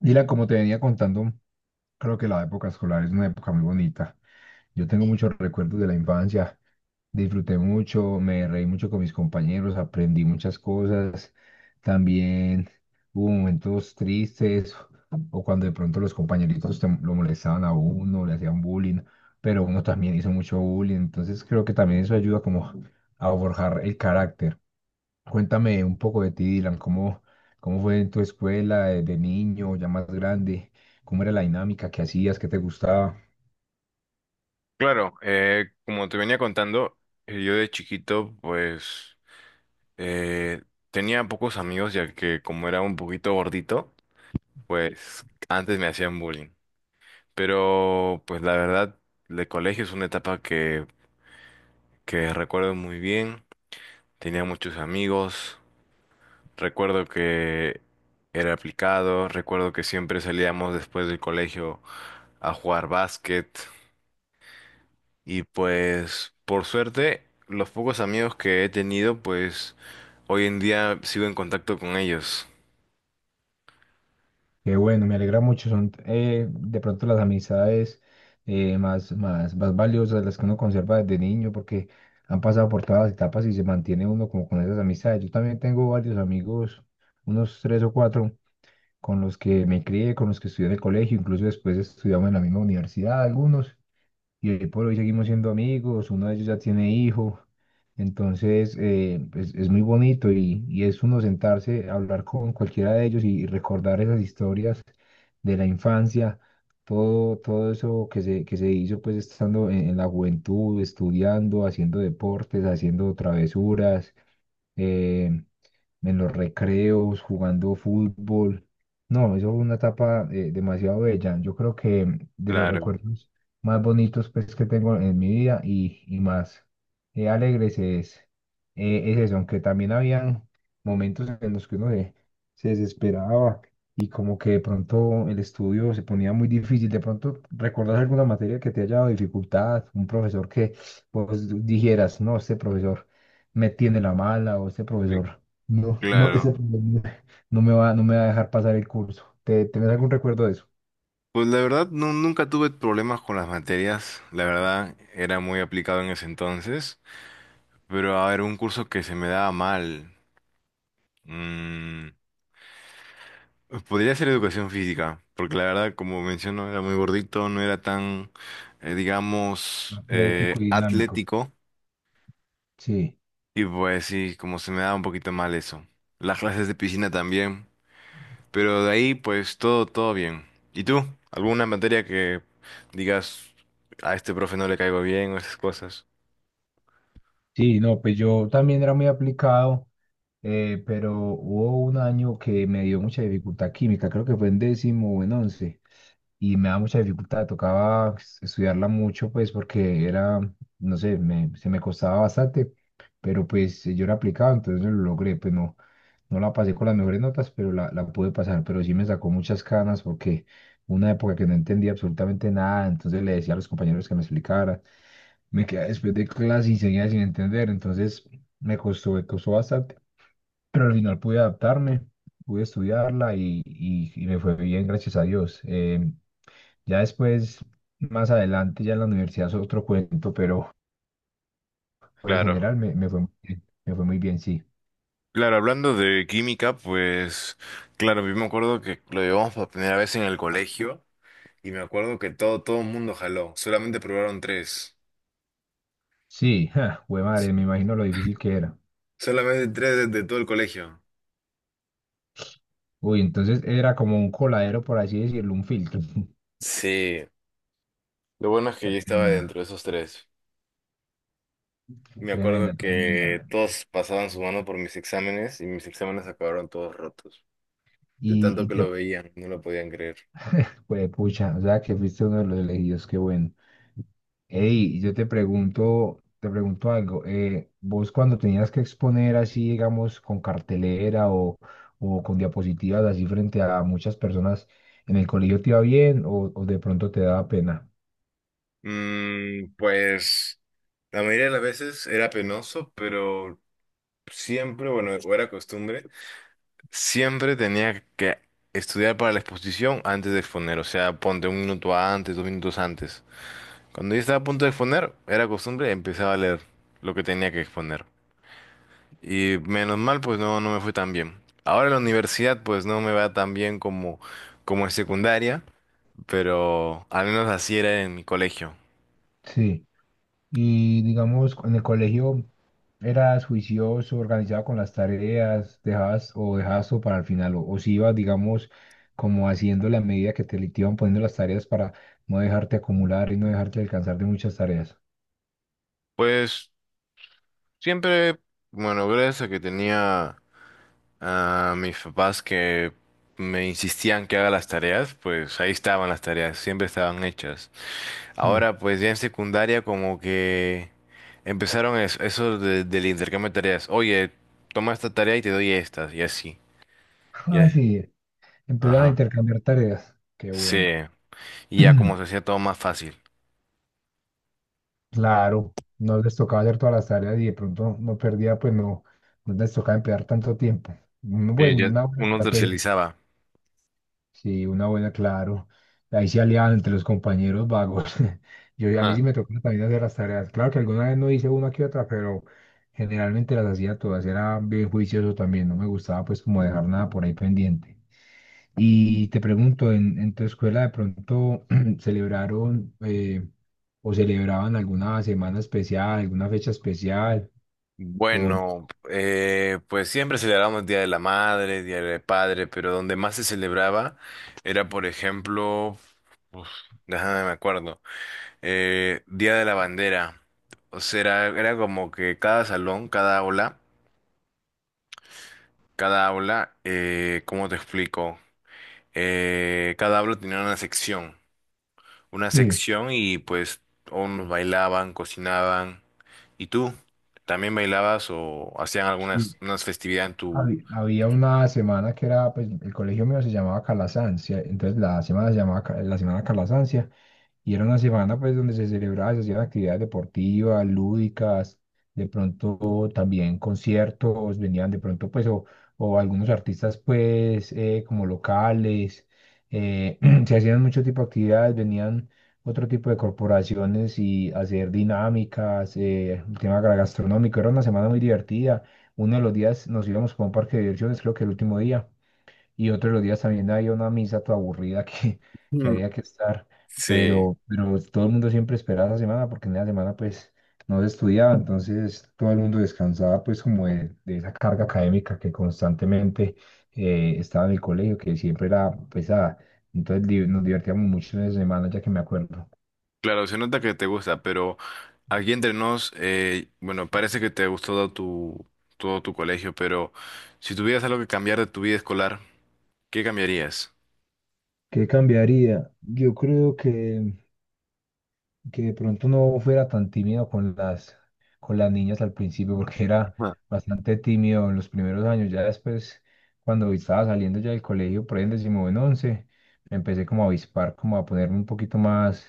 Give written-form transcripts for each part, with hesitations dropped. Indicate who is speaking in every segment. Speaker 1: Dylan, como te venía contando, creo que la época escolar es una época muy bonita. Yo tengo muchos recuerdos de la infancia, disfruté mucho, me reí mucho con mis compañeros, aprendí muchas cosas. También hubo momentos tristes o cuando de pronto los compañeritos lo molestaban a uno, le hacían bullying, pero uno también hizo mucho bullying. Entonces creo que también eso ayuda como a forjar el carácter. Cuéntame un poco de ti, Dylan, cómo fue en tu escuela de niño, ya más grande, cómo era la dinámica, qué hacías, qué te gustaba.
Speaker 2: Claro, como te venía contando, yo de chiquito pues eh, tenía pocos amigos ya que como era un poquito gordito, pues antes me hacían bullying. Pero pues la verdad, el colegio es una etapa que recuerdo muy bien, tenía muchos amigos, recuerdo que era aplicado, recuerdo que siempre salíamos después del colegio a jugar básquet. Y pues, por suerte, los pocos amigos que he tenido, pues hoy en día sigo en contacto con ellos.
Speaker 1: Qué bueno, me alegra mucho, son de pronto las amistades más valiosas, las que uno conserva desde niño, porque han pasado por todas las etapas y se mantiene uno como con esas amistades. Yo también tengo varios amigos, unos tres o cuatro, con los que me crié, con los que estudié en el colegio, incluso después estudiamos en la misma universidad, algunos. Y hoy por hoy seguimos siendo amigos, uno de ellos ya tiene hijo, entonces es muy bonito y es uno sentarse a hablar con cualquiera de ellos y recordar esas historias de la infancia, todo eso que se hizo pues estando en la juventud, estudiando, haciendo deportes, haciendo travesuras. eh, en los recreos, jugando fútbol. No, eso fue una etapa demasiado bella. Yo creo que de los
Speaker 2: Claro,
Speaker 1: recuerdos más bonitos pues, que tengo en mi vida y más eh, alegres es, es eso, aunque también habían momentos en los que se desesperaba y como que de pronto el estudio se ponía muy difícil. De pronto, ¿recordás alguna materia que te haya dado dificultad? Un profesor que vos dijeras, no, este profesor me tiene la mala, o este
Speaker 2: mi-
Speaker 1: profesor no, ese
Speaker 2: claro.
Speaker 1: problema no me va a dejar pasar el curso. ¿ tenés algún recuerdo de eso?
Speaker 2: Pues la verdad, nunca tuve problemas con las materias. La verdad, era muy aplicado en ese entonces. Pero a ver, un curso que se me daba mal. mm, podría ser educación física. Porque la verdad, como menciono, era muy gordito, no era tan, digamos,
Speaker 1: Atlético y dinámico.
Speaker 2: atlético.
Speaker 1: Sí.
Speaker 2: Y pues sí, como se me da un poquito mal eso. Las clases de piscina también. Pero de ahí, pues todo, todo bien. ¿Y tú? ¿Alguna materia que digas a este profe no le caigo bien o esas cosas?
Speaker 1: Sí, no, pues yo también era muy aplicado, pero hubo un año que me dio mucha dificultad química, creo que fue en décimo o en once, y me daba mucha dificultad, tocaba estudiarla mucho, pues porque era, no sé, se me costaba bastante, pero pues yo era aplicado, entonces lo logré, pues no, no la pasé con las mejores notas, pero la pude pasar, pero sí me sacó muchas canas porque una época que no entendía absolutamente nada, entonces le decía a los compañeros que me explicara. Me quedé después de clase y seguía sin entender, entonces me costó bastante, pero al final pude adaptarme, pude estudiarla y me fue bien, gracias a Dios. Ya después, más adelante, ya en la universidad es otro cuento, pero en
Speaker 2: Claro.
Speaker 1: general me fue muy bien, me fue muy bien, sí.
Speaker 2: Claro, hablando de química, pues claro, yo me acuerdo que lo llevamos por primera vez en el colegio y me acuerdo que todo, todo el mundo jaló. Solamente probaron tres.
Speaker 1: Sí, ja, jue
Speaker 2: S-
Speaker 1: madre, me imagino lo difícil que era.
Speaker 2: Solamente tres de todo el colegio.
Speaker 1: Uy, entonces era como un coladero, por así decirlo, un filtro.
Speaker 2: Sí, lo bueno es que yo estaba dentro de
Speaker 1: Tremenda.
Speaker 2: esos tres. Me acuerdo
Speaker 1: Tremenda, tremenda.
Speaker 2: que todos pasaban su mano por mis exámenes y mis exámenes acabaron todos rotos. De
Speaker 1: Y,
Speaker 2: tanto
Speaker 1: y
Speaker 2: que
Speaker 1: te,
Speaker 2: lo veían, no lo podían creer.
Speaker 1: pues, pucha, o sea, que fuiste uno de los elegidos, qué bueno. Ey, yo te pregunto algo. Vos cuando tenías que exponer así, digamos, con cartelera o con diapositivas así frente a muchas personas en el colegio, ¿te iba bien o de pronto te daba pena?
Speaker 2: Pues la mayoría de las veces era penoso, pero siempre, bueno, o era costumbre, siempre tenía que estudiar para la exposición antes de exponer. O sea, ponte un minuto antes, dos minutos antes. Cuando ya estaba a punto de exponer, era costumbre, empezaba a leer lo que tenía que exponer. Y menos mal, pues no, no me fue tan bien. Ahora en la universidad, pues no me va tan bien como en secundaria, pero al menos así era en mi colegio.
Speaker 1: Sí. Y digamos, en el colegio eras juicioso, organizado con las tareas, dejabas, o dejabas todo para el final, o si ibas, digamos, como haciendo la medida que te iban poniendo las tareas para no dejarte acumular y no dejarte alcanzar de muchas tareas.
Speaker 2: Pues siempre, bueno, gracias a que tenía a mis papás que me insistían que haga las tareas, pues ahí estaban las tareas, siempre estaban hechas.
Speaker 1: Sí.
Speaker 2: Ahora, pues ya en secundaria, como que eso, del intercambio de tareas. Oye, toma esta tarea y te doy estas, y así. Ya.
Speaker 1: Ah, sí, empezaban a
Speaker 2: Ajá.
Speaker 1: intercambiar tareas. Qué
Speaker 2: Sí,
Speaker 1: bueno.
Speaker 2: y ya como se hacía todo más fácil.
Speaker 1: Claro, no les tocaba hacer todas las tareas y de pronto no perdía, pues no, no les tocaba emplear tanto tiempo.
Speaker 2: Y
Speaker 1: Bueno,
Speaker 2: ya
Speaker 1: una buena
Speaker 2: uno
Speaker 1: estrategia.
Speaker 2: tercerizaba.
Speaker 1: Sí, una buena, claro. Ahí se aliaban entre los compañeros vagos. Yo, a mí
Speaker 2: Ajá.
Speaker 1: sí me tocó también hacer las tareas. Claro que alguna vez no hice una que otra, pero generalmente las hacía todas. Era bien juicioso también. No me gustaba pues como dejar nada por ahí pendiente. Y te pregunto, en tu escuela de pronto celebraron o celebraban alguna semana especial, alguna fecha especial? ¿O no?
Speaker 2: Bueno, pues siempre celebrábamos Día de la Madre, Día del Padre, pero donde más se celebraba era, por ejemplo, uf, déjame me acuerdo, Día de la Bandera. O sea, era, era como que cada salón, cada aula, ¿cómo te explico? Cada aula tenía una
Speaker 1: Sí.
Speaker 2: sección y pues unos bailaban, cocinaban. ¿Y tú? ¿También bailabas o hacían algunas unas festividades en tu...
Speaker 1: Había, había una semana que era, pues el colegio mío se llamaba Calasancia, entonces la semana se llamaba la semana Calasancia, y era una semana pues donde se celebraba, se hacían actividades deportivas, lúdicas, de pronto también conciertos, venían de pronto o algunos artistas pues como locales, eh, se hacían mucho tipo de actividades, venían otro tipo de corporaciones y hacer dinámicas, el tema gastronómico, era una semana muy divertida. Uno de los días nos íbamos para un parque de diversiones, creo que el último día, y otros los días también había una misa toda aburrida que
Speaker 2: Mm,
Speaker 1: había que estar,
Speaker 2: sí,
Speaker 1: pero todo el mundo siempre esperaba esa semana, porque en la semana pues no se estudiaba, entonces todo el mundo descansaba pues como de esa carga académica que constantemente estaba en el colegio, que siempre era pesada, entonces nos divertíamos mucho en esa semana ya que me acuerdo.
Speaker 2: claro, se nota que te gusta, pero aquí entre nos, bueno, parece que te gustó todo todo tu colegio, pero si tuvieras algo que cambiar de tu vida escolar, ¿qué cambiarías?
Speaker 1: ¿Qué cambiaría? Yo creo que de pronto no fuera tan tímido con con las niñas al principio, porque era
Speaker 2: Ajá.
Speaker 1: bastante tímido en los primeros años. Ya después, cuando estaba saliendo ya del colegio, por ahí en décimo en once, me empecé como a avispar, como a ponerme un poquito más,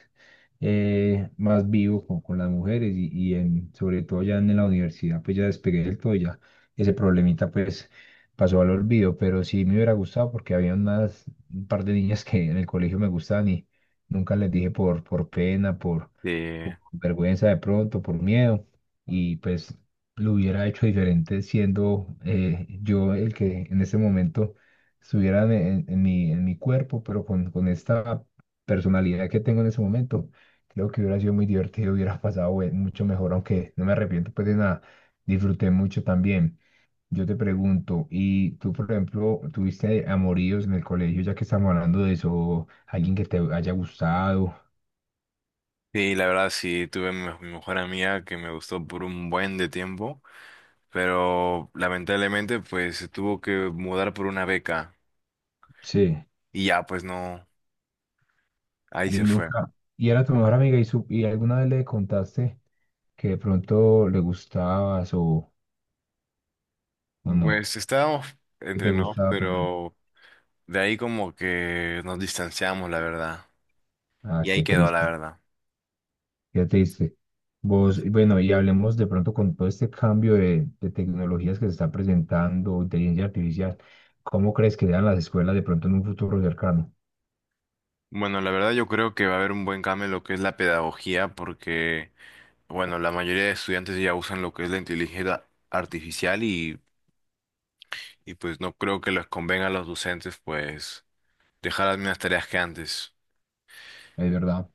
Speaker 1: más vivo con las mujeres y sobre todo ya en la universidad, pues ya despegué del todo, y ya ese problemita pues pasó al olvido, pero sí me hubiera gustado porque había unas, un par de niñas que en el colegio me gustaban y nunca les dije por pena, por
Speaker 2: Sí,
Speaker 1: por vergüenza de pronto, por miedo, y pues lo hubiera hecho diferente siendo yo el que en ese momento estuviera en mi cuerpo, pero con esta personalidad que tengo en ese momento, creo que hubiera sido muy divertido, hubiera pasado mucho mejor, aunque no me arrepiento pues de nada, disfruté mucho también. Yo te pregunto, ¿y tú, por ejemplo, tuviste amoríos en el colegio, ya que estamos hablando de eso, alguien que te haya gustado?
Speaker 2: sí, la verdad sí, tuve mi mejor amiga que me gustó por un buen de tiempo, pero lamentablemente pues se tuvo que mudar por una beca
Speaker 1: Sí.
Speaker 2: y ya pues no, ahí
Speaker 1: Y
Speaker 2: se fue.
Speaker 1: nunca, y era tu mejor amiga y alguna vez le contaste que de pronto le gustabas o no,
Speaker 2: Pues estábamos
Speaker 1: que
Speaker 2: entre
Speaker 1: te
Speaker 2: nos,
Speaker 1: gustaba, perdón.
Speaker 2: pero de ahí como que nos distanciamos, la verdad.
Speaker 1: Ah,
Speaker 2: Y ahí
Speaker 1: qué
Speaker 2: quedó, la
Speaker 1: triste,
Speaker 2: verdad.
Speaker 1: qué triste. Vos, y bueno, y hablemos de pronto con todo este cambio de tecnologías que se está presentando, inteligencia artificial, ¿cómo crees que sean las escuelas de pronto en un futuro cercano?
Speaker 2: Bueno, la verdad yo creo que va a haber un buen cambio en lo que es la pedagogía, porque, bueno, la mayoría de estudiantes ya usan lo que es la inteligencia artificial y pues no creo que les convenga a los docentes, pues, dejar las mismas tareas que antes.
Speaker 1: Es verdad,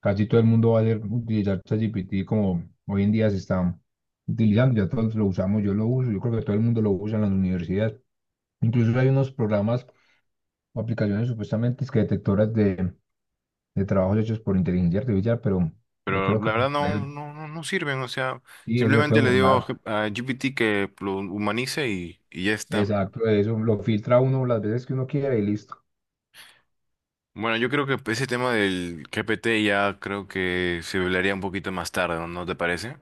Speaker 1: casi todo el mundo va a utilizar ChatGPT como hoy en día se está utilizando, ya todos lo usamos, yo lo uso, yo creo que todo el mundo lo usa en las universidades. Incluso hay unos programas o aplicaciones supuestamente es que detectoras de trabajos hechos por inteligencia artificial, pero yo
Speaker 2: Pero
Speaker 1: creo que
Speaker 2: la verdad no, no sirven, o sea,
Speaker 1: y eso se puede
Speaker 2: simplemente le digo
Speaker 1: burlar.
Speaker 2: a GPT que lo humanice y ya está.
Speaker 1: Exacto, de eso lo filtra uno las veces que uno quiera y listo.
Speaker 2: Bueno, yo creo que ese tema del GPT ya creo que se hablaría un poquito más tarde, ¿no? ¿No te parece?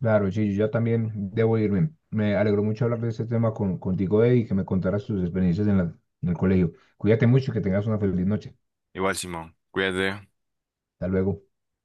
Speaker 1: Claro, sí, yo ya también debo irme. Me alegró mucho hablar de este tema contigo, Eddie, y que me contaras tus experiencias en en el colegio. Cuídate mucho y que tengas una feliz noche.
Speaker 2: Igual, Simón, cuídate.
Speaker 1: Hasta luego.